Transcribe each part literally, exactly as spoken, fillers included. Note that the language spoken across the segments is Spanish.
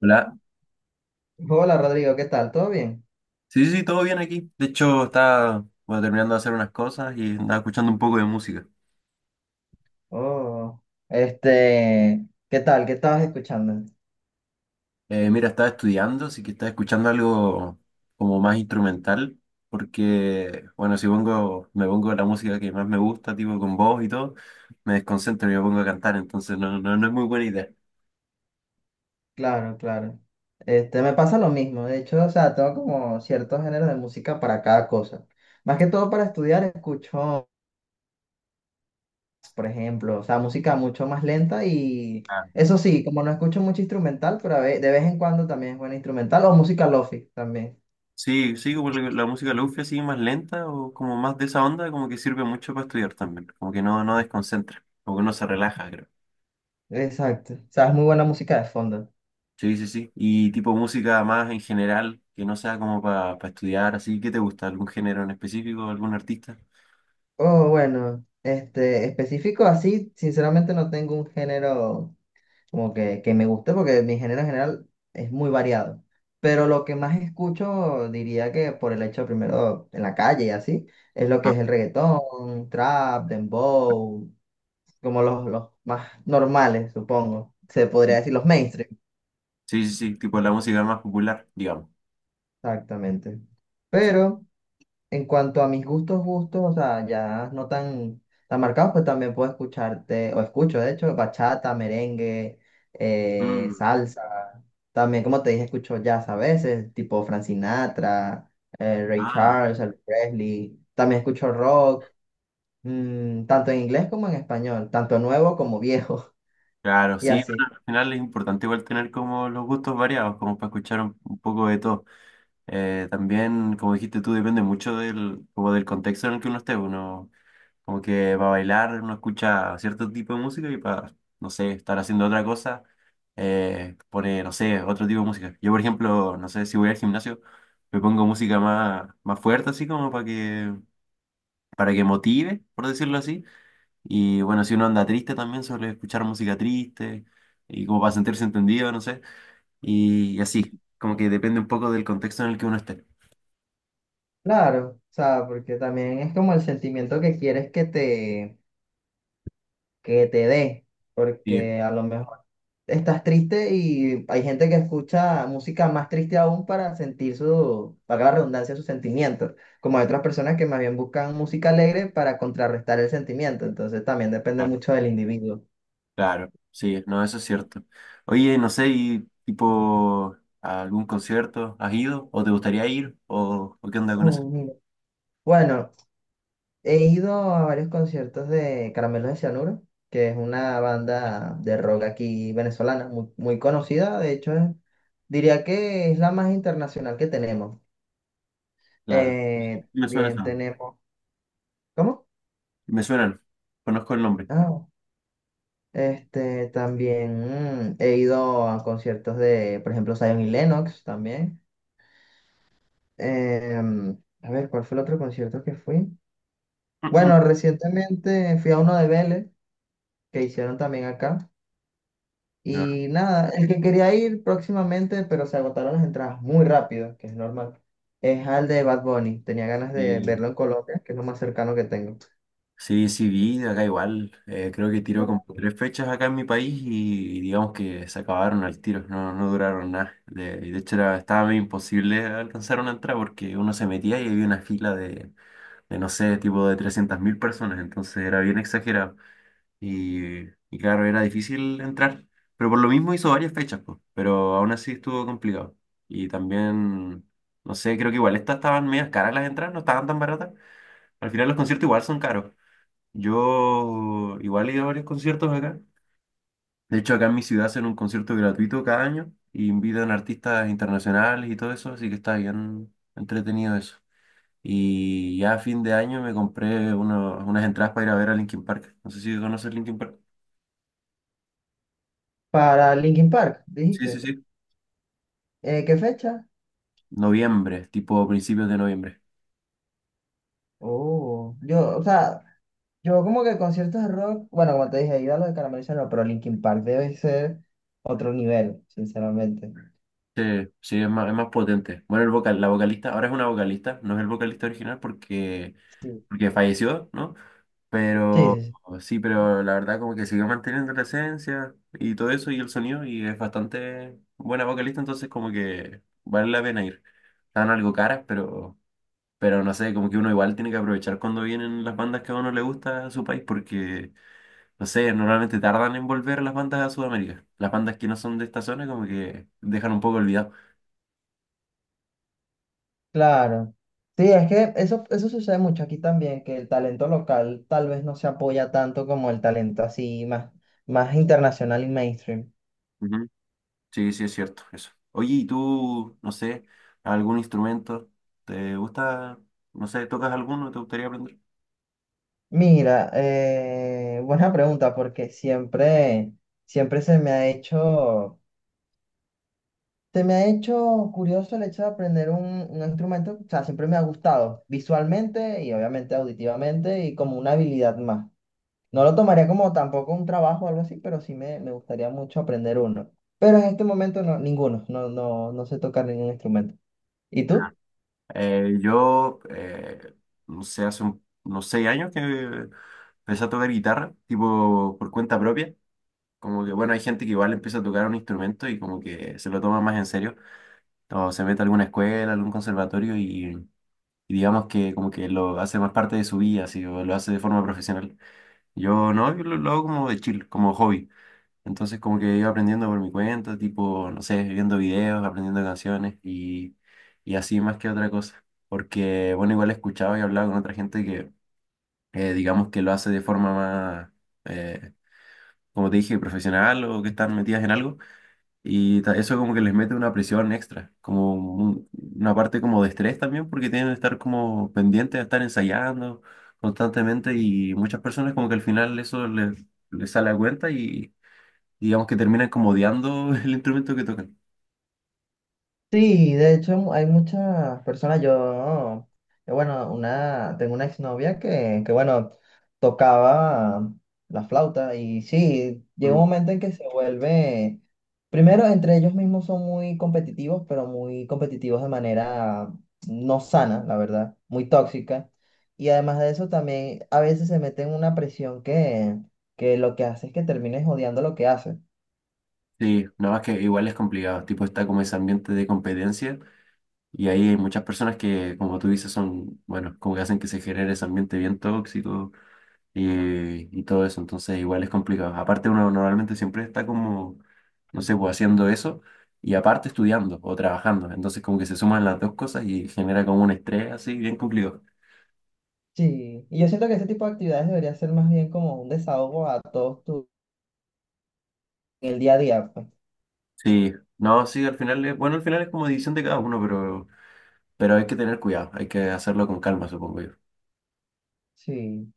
Hola. Hola Rodrigo, ¿qué tal? ¿Todo bien? Sí, sí, sí, todo bien aquí. De hecho, estaba bueno, terminando de hacer unas cosas y andaba escuchando un poco de música. Oh, este, ¿qué tal? ¿Qué estabas escuchando? Eh, mira, estaba estudiando, así que estaba escuchando algo como más instrumental, porque, bueno, si pongo, me pongo la música que más me gusta, tipo con voz y todo, me desconcentro y me pongo a cantar, entonces no, no, no es muy buena idea. Claro, claro. Este, me pasa lo mismo. De hecho, o sea, tengo como ciertos géneros de música para cada cosa. Más que todo para estudiar, escucho, por ejemplo, o sea, música mucho más lenta y Ah. eso sí, como no escucho mucho instrumental, pero a ve- de vez en cuando también es buena instrumental o música lofi también. Sí, sí, como la, la música lofi así más lenta o como más de esa onda, como que sirve mucho para estudiar también, como que no, no desconcentra, como que no se relaja, creo. Exacto. O sea, es muy buena música de fondo. Sí, sí, sí. Y tipo música más en general, que no sea como para estudiar, así. ¿Qué te gusta? ¿Algún género en específico? ¿Algún artista? Oh, bueno, este, específico así, sinceramente no tengo un género como que, que me gusta porque mi género en general es muy variado. Pero lo que más escucho, diría que por el hecho primero en la calle y así, es lo que Ah, es el reggaetón, trap, dembow, como los, los más normales, supongo. Se podría bien. decir los mainstream, Sí, sí, sí. Tipo la música más popular, digamos. exactamente. Sí. Pero... En cuanto a mis gustos, gustos, o sea, ya no tan, tan marcados, pues también puedo escucharte, o escucho, de hecho, bachata, merengue, eh, Mm, salsa. También, como te dije, escucho jazz a veces, tipo Frank Sinatra, eh, Ray Ah, Charles, Elvis Presley. También escucho rock, mm, tanto en inglés como en español, tanto nuevo como viejo, claro, y sí. así. Bueno, al final es importante igual tener como los gustos variados, como para escuchar un, un poco de todo. Eh, también, como dijiste tú, depende mucho del, como del contexto en el que uno esté. Uno, como que para bailar uno escucha cierto tipo de música y para, no sé, estar haciendo otra cosa, eh, pone, no sé, otro tipo de música. Yo, por ejemplo, no sé, si voy al gimnasio, me pongo música más, más fuerte, así como para que, para que motive, por decirlo así. Y bueno, si uno anda triste también, suele escuchar música triste y como para sentirse entendido, no sé. Y, y así, como que depende un poco del contexto en el que uno esté. Claro, o sea, porque también es como el sentimiento que quieres que te, que te dé, Sí, porque a lo mejor estás triste y hay gente que escucha música más triste aún para sentir su, para la redundancia, sus sentimientos, como hay otras personas que más bien buscan música alegre para contrarrestar el sentimiento, entonces también depende mucho del individuo. claro, sí, no, eso es cierto. Oye, no sé, y tipo, ¿a algún concierto has ido o te gustaría ir o, o qué onda con eso? Oh, mira. Bueno, he ido a varios conciertos de Caramelos de Cianuro, que es una banda de rock aquí venezolana, muy, muy conocida, de hecho es- diría que es la más internacional que tenemos. Claro. Eh, Me bien, suenan, tenemos... ¿Cómo? me suenan, conozco el nombre. Ah. Este, también mm, he ido a conciertos de, por ejemplo, Zion y Lennox también. Em, a ver, ¿cuál fue el otro concierto que fui? Bueno, recientemente fui a uno de Vélez, que hicieron también acá. No, Y nada, el que quería ir próximamente, pero se agotaron las entradas muy rápido, que es normal, es al de Bad Bunny. Tenía ganas de sí, verlo en Colombia, que es lo más cercano que tengo. sí, sí vi acá igual, eh, creo que tiró como tres fechas acá en mi país y, digamos que se acabaron al tiro, no, no duraron nada. De, de hecho era, estaba medio imposible alcanzar una entrada porque uno se metía y había una fila de, de, no sé, tipo de trescientas mil personas, entonces era bien exagerado. Y, y claro, era difícil entrar, pero por lo mismo hizo varias fechas, pues, pero aún así estuvo complicado. Y también, no sé, creo que igual estas estaban medias caras las entradas, no estaban tan baratas. Al final los conciertos igual son caros. Yo igual he ido a varios conciertos acá. De hecho, acá en mi ciudad hacen un concierto gratuito cada año y invitan artistas internacionales y todo eso, así que está bien entretenido eso. Y ya a fin de año me compré uno- unas entradas para ir a ver a Linkin Park. No sé si conoces Linkin Park. Para Linkin Park, Sí, sí, dijiste. sí. Eh, ¿qué fecha? Noviembre, tipo principios de noviembre. Oh, yo, o sea, Yo como que conciertos de rock, bueno, como te dije, he ido a los de Carameliza, no, pero Linkin Park debe ser otro nivel, sinceramente. Sí, sí, es más, es más potente. Bueno, el vocal, la vocalista, ahora es una vocalista, no es el vocalista original porque, Sí. porque falleció, ¿no? Sí, sí, Pero sí, sí, pero la verdad como que siguió manteniendo la esencia y todo eso y el sonido y es bastante buena vocalista, entonces como que vale la pena ir. Están algo caras, pero, pero no sé, como que uno igual tiene que aprovechar cuando vienen las bandas que a uno le gusta a su país porque no sé, normalmente tardan en volver las bandas a Sudamérica. Las bandas que no son de esta zona como que dejan un poco olvidado. claro. Sí, es que eso, eso sucede mucho aquí también, que el talento local tal vez no se apoya tanto como el talento así más, más internacional y mainstream. Ujú. Sí, sí, es cierto, eso. Oye, ¿y tú, no sé, algún instrumento? ¿Te gusta, no sé, tocas alguno? ¿Te gustaría aprender? Mira, eh, buena pregunta, porque siempre, siempre se me ha hecho... Se me ha hecho curioso el hecho de aprender un, un instrumento, o sea, siempre me ha gustado visualmente y obviamente auditivamente y como una habilidad más. No lo tomaría como tampoco un trabajo o algo así, pero sí me, me gustaría mucho aprender uno. Pero en este momento no, ninguno, no, no, no sé tocar ningún instrumento. ¿Y tú? Eh, yo, eh, no sé, hace un- unos seis años que empecé a tocar guitarra, tipo por cuenta propia. Como que, bueno, hay gente que igual empieza a tocar un instrumento y como que se lo toma más en serio. O se mete a alguna escuela, algún conservatorio y y digamos que como que lo hace más parte de su vida, así, o lo hace de forma profesional. Yo no, yo lo, lo hago como de chill, como hobby. Entonces como que iba aprendiendo por mi cuenta, tipo, no sé, viendo videos, aprendiendo canciones y, y así más que otra cosa. Porque, bueno, igual he escuchado y hablado con otra gente que, eh, digamos que lo hace de forma más, eh, como te dije, profesional o que están metidas en algo. Y ta- eso como que les mete una presión extra, como un- una parte como de estrés también, porque tienen que estar como pendientes de estar ensayando constantemente y muchas personas como que al final eso les, les sale a cuenta y digamos que terminan como odiando el instrumento que tocan. Sí, de hecho hay muchas personas, yo, yo, bueno, una, tengo una exnovia que, que, bueno, tocaba la flauta y sí, llega Mm. un momento en que se vuelve, primero entre ellos mismos son muy competitivos, pero muy competitivos de manera no sana, la verdad, muy tóxica. Y además de eso también a veces se meten en una presión que, que lo que hace es que termines odiando lo que haces. Sí, nada más que igual es complicado, tipo está como ese ambiente de competencia y ahí hay muchas personas que como tú dices son, bueno, como que hacen que se genere ese ambiente bien tóxico eh, y todo eso. Entonces igual es complicado. Aparte uno normalmente siempre está como, no sé, pues haciendo eso y aparte estudiando o trabajando. Entonces como que se suman las dos cosas y genera como un estrés así bien complicado. Sí, y yo siento que ese tipo de actividades debería ser más bien como un desahogo a todos tu, en el día a día, pues. Sí, no, sí, al final es, bueno, al final es como división de cada uno, pero, pero hay que tener cuidado, hay que hacerlo con calma, supongo yo. Sí,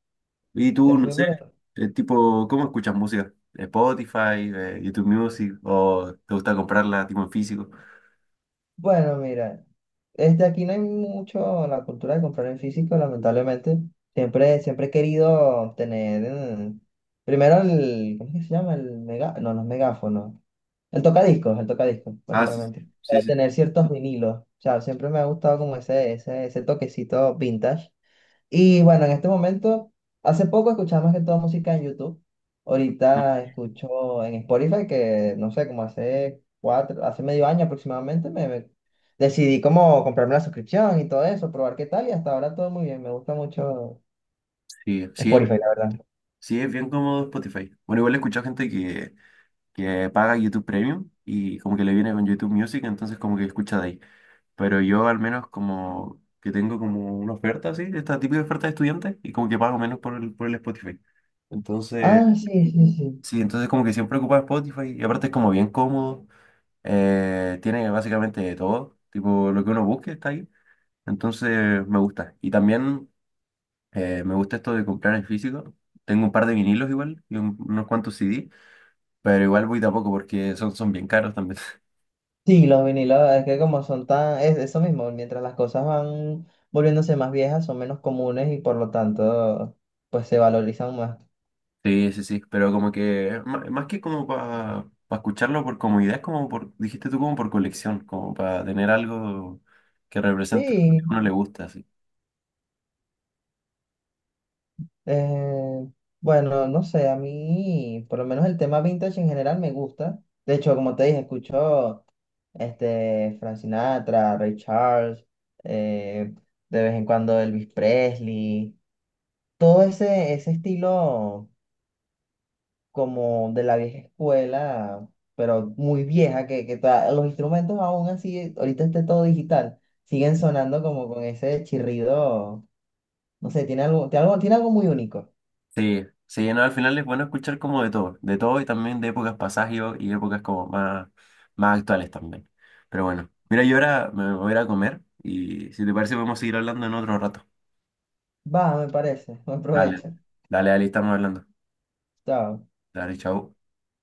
Y tú, es no que sé, por ejemplo, eh, tipo, ¿cómo escuchas música? Spotify, eh, YouTube Music, o te gusta comprarla tipo en físico. bueno, mira, este aquí no hay mucho la cultura de comprar en físico, lamentablemente. Siempre, siempre he querido tener mm, primero el, ¿cómo es que se llama? El mega, no, no es megáfono, el tocadiscos, el tocadiscos, Ah, sí, básicamente, sí, para sí. tener ciertos vinilos. O sea, siempre me ha gustado como ese, ese, ese toquecito vintage. Y bueno, en este momento, hace poco escuchaba más que toda música en YouTube. Sí. Ahorita escucho en Spotify que, no sé, como hace cuatro, hace medio año aproximadamente, me, me- decidí como comprarme la suscripción y todo eso, probar qué tal y hasta ahora todo muy bien. Me gusta mucho Sí, sí, Spotify, la verdad. sí, es bien cómodo Spotify. Bueno, igual he escuchado gente que, que paga YouTube Premium y como que le viene con YouTube Music, entonces como que escucha de ahí. Pero yo al menos como que tengo como una oferta así, esta típica oferta de estudiante y como que pago menos por el, por el Spotify. Entonces, Ah, sí, sí, sí. sí, entonces como que siempre ocupa Spotify y aparte es como bien cómodo. Eh, tiene básicamente de todo, tipo lo que uno busque está ahí. Entonces me gusta. Y también eh, me gusta esto de comprar en físico. Tengo un par de vinilos igual y un- unos cuantos C D. Pero igual voy tampoco porque son, son, bien caros también. Sí, los vinilos, es que como son tan, es eso mismo, mientras las cosas van volviéndose más viejas, son menos comunes y por lo tanto, pues se valorizan más. Sí, sí, sí, pero como que ma- más, que como para escucharlo por comodidad, es como por, dijiste tú, como por colección, como para tener algo que represente lo que a Sí. uno le gusta, sí. Eh, bueno, no sé, a mí por lo menos el tema vintage en general me gusta. De hecho, como te dije, escucho este, Frank Sinatra, Ray Charles, eh, de vez en cuando Elvis Presley, todo ese, ese estilo como de la vieja escuela, pero muy vieja, que, que ta- los instrumentos aún así, ahorita está todo digital, siguen sonando como con ese chirrido, no sé, tiene algo, tiene algo, tiene algo muy único. Sí, sí, no, al final es bueno escuchar como de todo, de todo y también de épocas pasadas y y épocas como más, más actuales también. Pero bueno, mira, yo ahora me voy a ir a comer y si te parece podemos seguir hablando en otro rato. Va, me parece, buen Dale, provecho. dale, dale, estamos hablando. Chao. Dale, chao.